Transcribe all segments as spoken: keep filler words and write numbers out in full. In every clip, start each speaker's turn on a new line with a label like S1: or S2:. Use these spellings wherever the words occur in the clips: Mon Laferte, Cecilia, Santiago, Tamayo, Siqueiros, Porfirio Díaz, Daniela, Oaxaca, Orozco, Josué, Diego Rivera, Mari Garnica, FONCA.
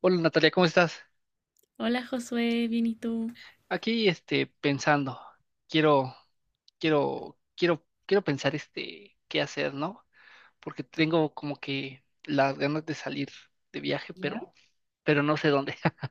S1: Hola Natalia, ¿cómo estás?
S2: Hola Josué, bien y tú.
S1: Aquí este pensando, quiero, quiero, quiero, quiero pensar este qué hacer, ¿no? Porque tengo como que las ganas de salir de viaje,
S2: ¿Ya?
S1: pero, pero no sé dónde.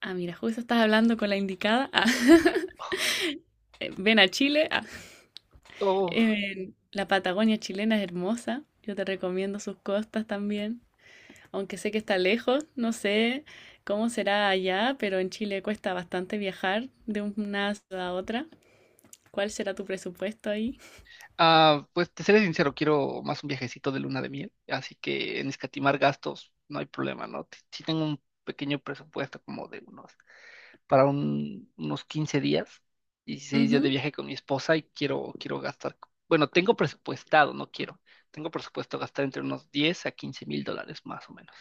S2: Ah, mira, justo estás hablando con la indicada. Ah, eh, Ven a Chile. Ah,
S1: Oh,
S2: eh, la Patagonia chilena es hermosa. Yo te recomiendo sus costas también. Aunque sé que está lejos, no sé cómo será allá, pero en Chile cuesta bastante viajar de una ciudad a otra. ¿Cuál será tu presupuesto ahí?
S1: ah, pues te seré sincero, quiero más un viajecito de luna de miel, así que en escatimar gastos no hay problema, ¿no? T- Sí tengo un pequeño presupuesto como de unos para un- unos quince días, dieciséis días de viaje con mi esposa y quiero, quiero gastar, bueno, tengo presupuestado, no quiero, tengo presupuesto gastar entre unos diez a quince mil dólares más o menos.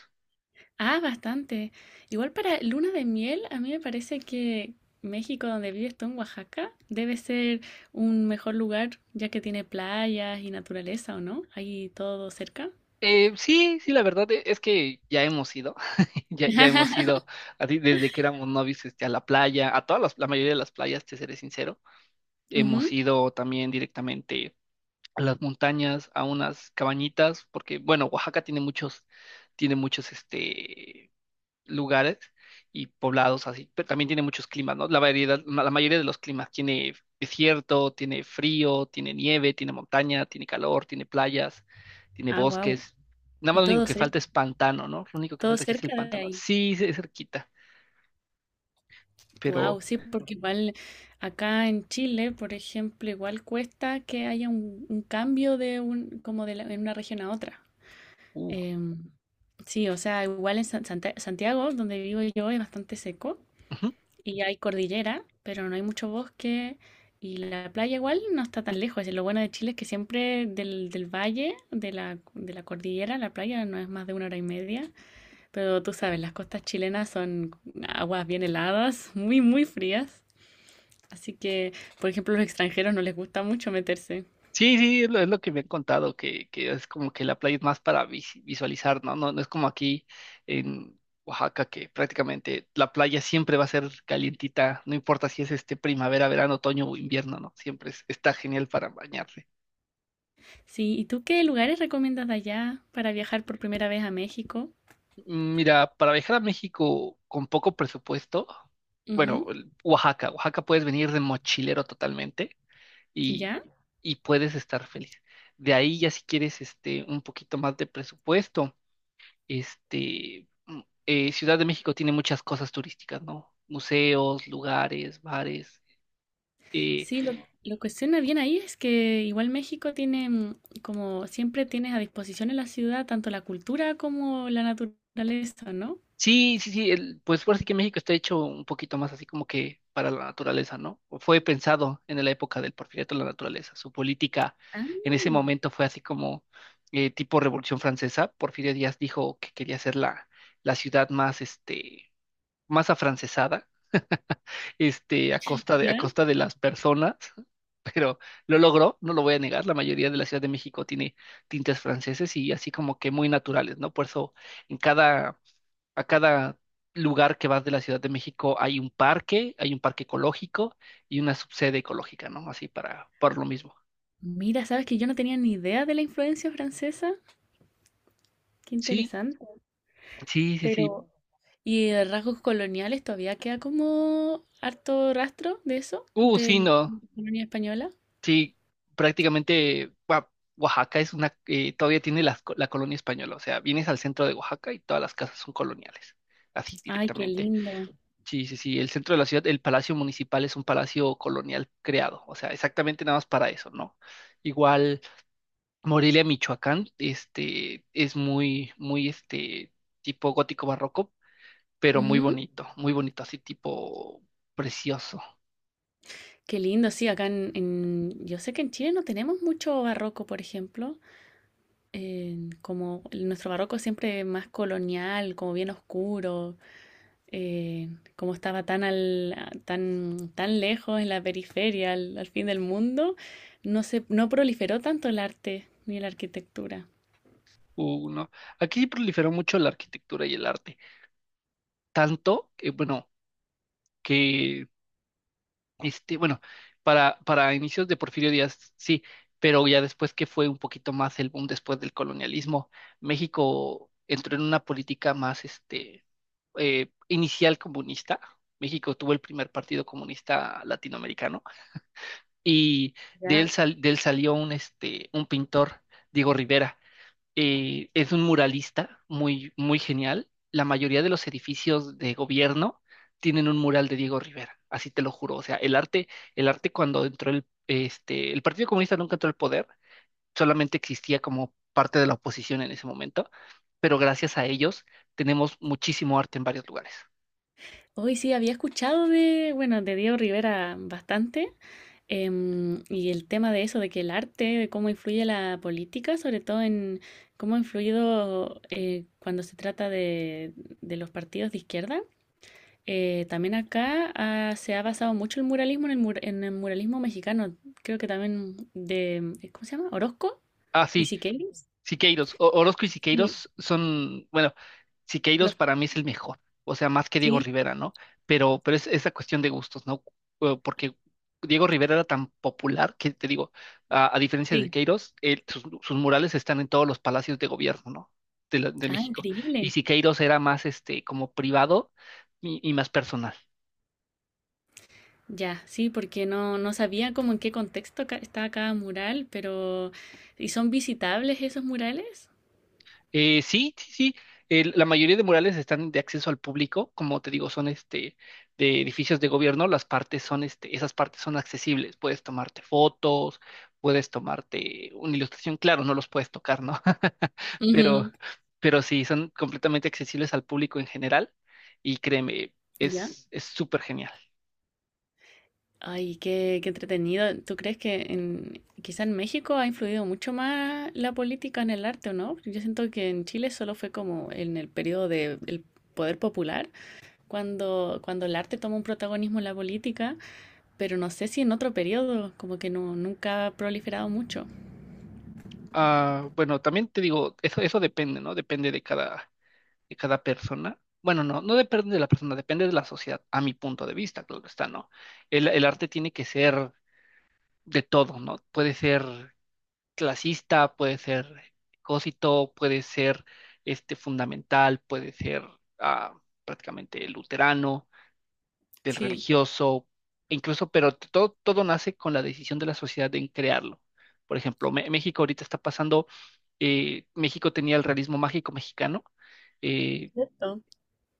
S2: Ah, bastante. Igual para luna de miel, a mí me parece que México, donde vives tú en Oaxaca, debe ser un mejor lugar, ya que tiene playas y naturaleza, ¿o no? Ahí todo cerca.
S1: Eh, sí, sí, la verdad e- es que ya hemos ido, ya, ya hemos ido, así desde que éramos novios, este, a la playa, a todas las, la mayoría de las playas, te seré sincero, hemos
S2: Ujú.
S1: ido también directamente a las montañas, a unas cabañitas, porque, bueno, Oaxaca tiene muchos, tiene muchos, este, lugares y poblados así, pero también tiene muchos climas, ¿no? La variedad, ma- la mayoría de los climas tiene desierto, tiene frío, tiene nieve, tiene montaña, tiene calor, tiene playas, tiene
S2: Ah, wow.
S1: bosques. Nada
S2: Y
S1: más lo único
S2: todo
S1: que
S2: cer-
S1: falta es pantano, ¿no? Lo único que
S2: Todo
S1: falta aquí es el
S2: cerca de
S1: pantano.
S2: ahí.
S1: Sí, sí, es cerquita,
S2: Wow,
S1: pero...
S2: sí, porque igual acá en Chile, por ejemplo, igual cuesta que haya un, un cambio de un, como de la- en una región a otra.
S1: Uh,
S2: Em, sí, o sea, igual en San- Santa- Santiago, donde vivo yo, es bastante seco
S1: ujú.
S2: y hay cordillera, pero no hay mucho bosque y la playa igual no está tan lejos. Y lo bueno de Chile es que siempre del, del valle, de la, de la cordillera, la playa no es más de una hora y media, pero tú sabes, las costas chilenas son aguas bien heladas, muy, muy frías. Así que, por ejemplo, a los extranjeros no les gusta mucho meterse.
S1: Sí, sí, es lo, es lo que me han contado, que, que es como que la playa es más para vis- visualizar, ¿no? No, no es como aquí en Oaxaca, que prácticamente la playa siempre va a ser calientita, no importa si es este primavera, verano, otoño o invierno, ¿no? Siempre es- está genial para bañarse.
S2: Sí, ¿y tú qué lugares recomiendas de allá para viajar por primera vez a México?
S1: Mm, Mira, para viajar a México con poco presupuesto, bueno, el- Oaxaca, Oaxaca puedes venir de mochilero totalmente y,
S2: ¿Ya?
S1: y puedes estar feliz. De ahí ya si quieres este un poquito más de presupuesto. Este, mm, eh, Ciudad de México tiene muchas cosas turísticas, ¿no? Museos, lugares, bares. eh,
S2: Sí, lo, lo cuestiona bien ahí es que igual México tiene, mm, como siempre tienes a disposición en la ciudad, tanto la cultura como la naturaleza, ¿no?
S1: sí, sí, sí, el- pues por así que México está hecho un poquito más así como que para la naturaleza, ¿no? Fue pensado en la época del Porfiriato en la naturaleza. Su política
S2: Ah,
S1: en ese momento fue así como eh, tipo Revolución Francesa. Porfirio Díaz dijo que quería hacer la, la ciudad más, este, más afrancesada este, a costa de,
S2: ¿ya?
S1: a costa de las personas, pero lo logró, no lo voy a negar, la mayoría de la Ciudad de México tiene tintes franceses y así como que muy naturales, ¿no? Por eso en cada, a cada lugar que vas de la Ciudad de México hay un parque, hay un parque ecológico y una subsede ecológica, ¿no? Así para, por lo mismo.
S2: Mira, sabes que yo no tenía ni idea de la influencia francesa. Qué
S1: Sí,
S2: interesante.
S1: sí, sí, sí.
S2: Pero... ¿Y de rasgos coloniales todavía queda como harto rastro de eso,
S1: Uh,
S2: de
S1: sí,
S2: la
S1: no.
S2: colonia española?
S1: Sí, prácticamente Oa- Oaxaca es una, eh, todavía tiene las co- la colonia española, o sea, vienes al centro de Oaxaca y todas las casas son coloniales, así
S2: Ay, qué
S1: directamente.
S2: lindo.
S1: Sí, sí, sí, el centro de la ciudad, el palacio municipal es un palacio colonial creado, o sea, exactamente nada más para eso, ¿no? Igual Morelia, Michoacán, este, es muy, muy, este, tipo gótico barroco, pero muy
S2: Ujú.
S1: bonito, muy bonito, así tipo precioso.
S2: Qué lindo, sí, acá en, en- yo sé que en Chile no tenemos mucho barroco, por ejemplo. Eh, como nuestro barroco siempre más colonial, como bien oscuro, eh, como estaba tan, al- tan, tan lejos en la periferia, al, al fin del mundo, no se, no proliferó tanto el arte ni la arquitectura.
S1: Uh, ¿no? Aquí sí proliferó mucho la arquitectura y el arte. Tanto que, bueno, que, este, bueno, para, para inicios de Porfirio Díaz, sí, pero ya después que fue un poquito más el boom después del colonialismo, México entró en una política más, este, eh, inicial comunista. México tuvo el primer partido comunista latinoamericano y de
S2: Ya.
S1: él, sal- de él salió un, este, un pintor, Diego Rivera, eh, es un muralista muy, muy genial. La mayoría de los edificios de gobierno tienen un mural de Diego Rivera, así te lo juro. O sea, el arte, el arte cuando entró el, este, el Partido Comunista nunca entró al poder, solamente existía como parte de la oposición en ese momento, pero gracias a ellos tenemos muchísimo arte en varios lugares.
S2: Hoy sí había escuchado de, bueno, de Diego Rivera bastante, em, y el tema de eso, de que el arte, de cómo influye la política, sobre todo en cómo ha influido eh, cuando se trata de, de los partidos de izquierda. Eh, también acá ah, se ha basado mucho el muralismo en el, mur- en el muralismo mexicano. Creo que también de, eh, ¿cómo se llama? Orozco
S1: Ah,
S2: y
S1: sí,
S2: Siqueiros.
S1: Siqueiros, O- Orozco y
S2: Sí,
S1: Siqueiros son, bueno, Siqueiros
S2: los,
S1: para mí es el mejor, o sea, más que Diego
S2: sí,
S1: Rivera, ¿no? Pero, pero es esa cuestión de gustos, ¿no? Eh, porque Diego Rivera era tan popular que te digo, a, a diferencia de
S2: sí.
S1: Siqueiros, él- sus, sus murales están en todos los palacios de gobierno, ¿no? De, la- de
S2: Ah,
S1: México. Y
S2: increíble.
S1: Siqueiros era más este como privado y, y más personal.
S2: Ya, sí, porque no, no sabía como en qué contexto ca- está cada mural, pero ¿y son visitables esos murales?
S1: Eh, sí, sí, sí. El- la mayoría de murales están de acceso al público, como te digo, son este de edificios de gobierno, las partes son este, esas partes son accesibles. Puedes tomarte fotos, puedes tomarte una ilustración, claro, no los puedes tocar, ¿no? Pero,
S2: Ujú,
S1: pero sí, son completamente accesibles al público en general, y créeme,
S2: ya.
S1: es, es súper genial.
S2: Ay, qué, qué entretenido. ¿Tú crees que en, quizá en México ha influido mucho más la política en el arte, o no? Porque yo siento que en Chile solo fue como en el periodo del poder popular, cuando, cuando el arte toma un protagonismo en la política, pero no sé si en otro periodo, como que no, nunca ha proliferado mucho.
S1: Ah, bueno, también te digo, eso, eso depende, ¿no? Depende de cada. De cada persona. Bueno, no, no depende de la persona, depende de la sociedad, a mi punto de vista, claro está, ¿no? El, el arte tiene que ser de todo, ¿no? Puede ser clasista, puede ser cosito, puede ser este fundamental, puede ser ah, prácticamente luterano, del
S2: Sí,
S1: religioso, e incluso, pero todo, todo nace con la decisión de la sociedad en crearlo. Por ejemplo, Me- México ahorita está pasando, eh, México tenía el realismo mágico mexicano, eh,
S2: cierto.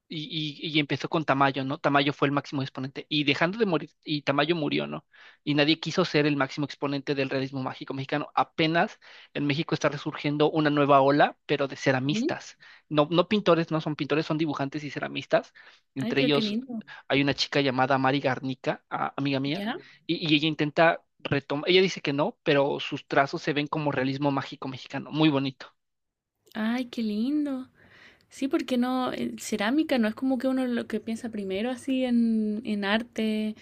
S1: y, y, y empezó con Tamayo, ¿no? Tamayo fue el máximo exponente. Y dejando de morir, y Tamayo murió, ¿no? Y nadie quiso ser el máximo exponente del realismo mágico mexicano. Apenas en México está resurgiendo una nueva ola, pero de
S2: Ujú.
S1: ceramistas. No, no pintores, no son pintores, son dibujantes y ceramistas.
S2: Ay,
S1: Entre
S2: pero qué
S1: ellos
S2: lindo.
S1: hay una chica llamada Mari Garnica, a- amiga mía,
S2: ¿Ya?
S1: y, y ella intenta retomar, ella dice que no, pero sus trazos se ven como realismo mágico mexicano, muy bonito.
S2: Ay, qué lindo. Sí, porque no, eh, cerámica no es como que uno lo que piensa primero así en, en arte.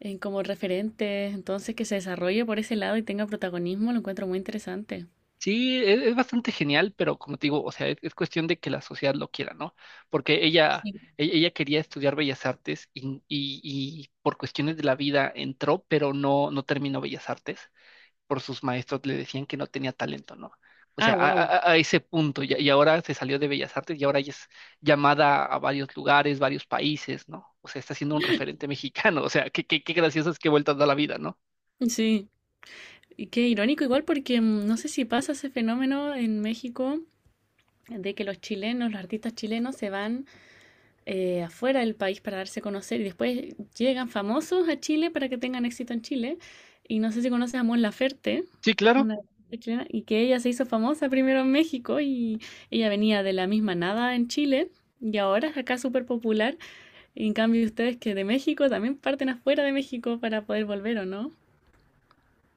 S2: En como referentes, entonces que se desarrolle por ese lado y tenga protagonismo, lo encuentro muy interesante.
S1: Sí, es, es bastante genial, pero como te digo, o sea, es, es cuestión de que la sociedad lo quiera, ¿no? Porque ella,
S2: Sí.
S1: e- ella quería estudiar Bellas Artes y, y- y por cuestiones de la vida entró, pero no, no terminó Bellas Artes. Por sus maestros le decían que no tenía talento, ¿no? O sea,
S2: Ah,
S1: a,
S2: wow.
S1: a- a ese punto, y, y ahora se salió de Bellas Artes y ahora ella es llamada a varios lugares, varios países, ¿no? O sea, está siendo un referente mexicano, o sea, qué, qué, qué graciosas que vueltas da la vida, ¿no?
S2: Sí. Y qué irónico igual porque mm, no sé si pasa ese fenómeno en México de que los chilenos, los artistas chilenos se van eh, afuera del país para darse a conocer y después llegan famosos a Chile para que tengan éxito en Chile. Y no sé si conoces a Mon Laferte,
S1: Sí, claro.
S2: una artista chilena, y que ella se hizo famosa primero en México y ella venía de la misma nada en Chile y ahora es acá súper popular. Y en cambio ustedes que de México también parten afuera de México para poder volver, ¿o no?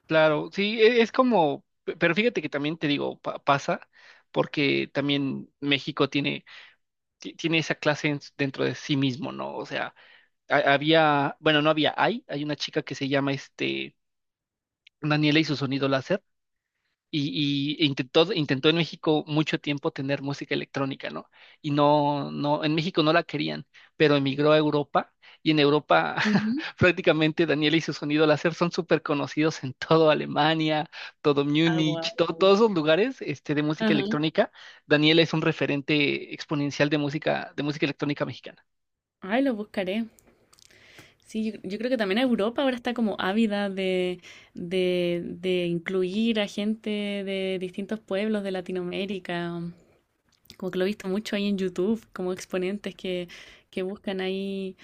S1: Claro, sí, e- es como, pe- pero fíjate que también te digo, pa- pasa, porque también México tiene, ti- tiene esa clase en- dentro de sí mismo, ¿no? O sea, ha- había, bueno, no había, hay, hay una chica que se llama este, Daniela y su sonido láser y, y intentó, intentó en México mucho tiempo tener música electrónica, ¿no? Y no, no, en México no la querían, pero emigró a Europa y en Europa
S2: Ujú.
S1: prácticamente Daniel y su sonido láser son súper conocidos en todo Alemania, todo
S2: Ah,
S1: Múnich, to-
S2: guau.
S1: todos esos lugares este, de música
S2: Ajá.
S1: electrónica. Daniel es un referente exponencial de música, de música electrónica mexicana.
S2: Ay, lo buscaré. Sí, yo, yo creo que también Europa ahora está como ávida de, de, de incluir a gente de distintos pueblos de Latinoamérica. Como que lo he visto mucho ahí en YouTube, como exponentes que, que buscan ahí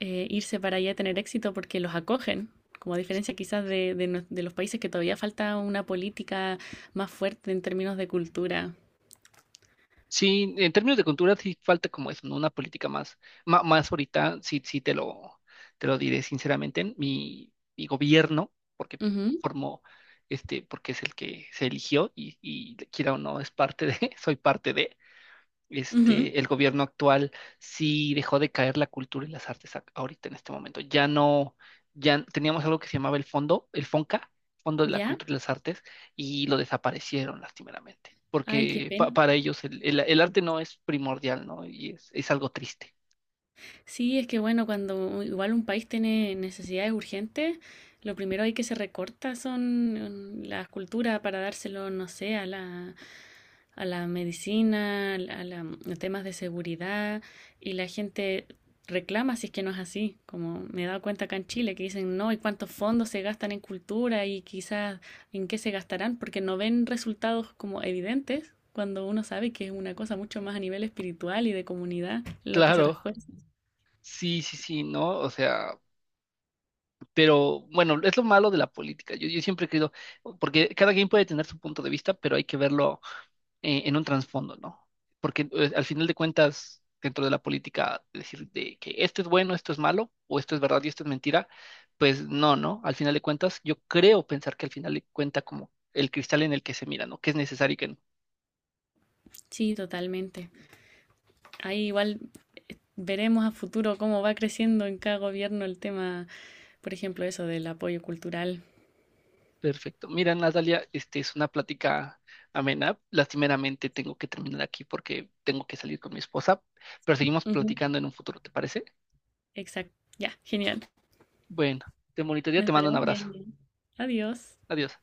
S2: eh, irse para allá a tener éxito porque los acogen, como a diferencia quizás de, de, no- de los países que todavía falta una política más fuerte en términos de cultura.
S1: Sí, en términos de cultura sí falta como eso, ¿no? Una política más, ma- más, ahorita, sí, sí te lo, te lo diré sinceramente, mi, mi gobierno, porque
S2: Ujú,
S1: formó, este, porque es el que se eligió y, y quiera o no, es parte de, soy parte de,
S2: ujú.
S1: este, el gobierno actual sí dejó de caer la cultura y las artes ac- ahorita en este momento. Ya no, ya teníamos algo que se llamaba el fondo, el FONCA, Fondo de la
S2: ¿Ya?
S1: Cultura y las Artes, y lo desaparecieron lastimeramente,
S2: Ay, qué
S1: porque pa-
S2: pena.
S1: para ellos el, el- el arte no es primordial, ¿no? Y es, es algo triste.
S2: Sí, es que bueno, cuando u- igual un país tiene necesidades urgentes, lo primero hay que se recorta son mm, la cultura para dárselo, no sé, a la, a la medicina, a, la- a temas de seguridad, y la gente reclama si es que no es así, como me he dado cuenta acá en Chile, que dicen no, ¿y cuántos fondos se gastan en cultura y quizás en qué se gastarán? Porque no ven resultados como evidentes cuando uno sabe que es una cosa mucho más a nivel espiritual y de comunidad lo que se
S1: Claro,
S2: refuerza.
S1: sí, sí, sí, ¿no? O sea, pero bueno, es lo malo de la política. Yo, yo siempre he creído, porque cada quien puede tener su punto de vista, pero hay que verlo eh, en un trasfondo, ¿no? Porque eh, al final de cuentas, dentro de la política, decir de que esto es bueno, esto es malo, o esto es verdad y esto es mentira, pues no, ¿no? Al final de cuentas, yo creo pensar que al final de cuenta como el cristal en el que se mira, ¿no? Que es necesario y que no.
S2: Sí, totalmente. Ahí igual eh, veremos a futuro cómo va creciendo en cada gobierno el tema, por ejemplo, eso del apoyo cultural.
S1: Perfecto. Mira, Natalia, este es una plática amena. Lastimeramente tengo que terminar aquí porque tengo que salir con mi esposa, pero seguimos
S2: Ujú.
S1: platicando en un futuro, ¿te parece?
S2: Exacto. Ya, genial.
S1: Bueno, te bonito día,
S2: Nos
S1: te mando un
S2: estaremos
S1: abrazo.
S2: viendo. Adiós.
S1: Adiós.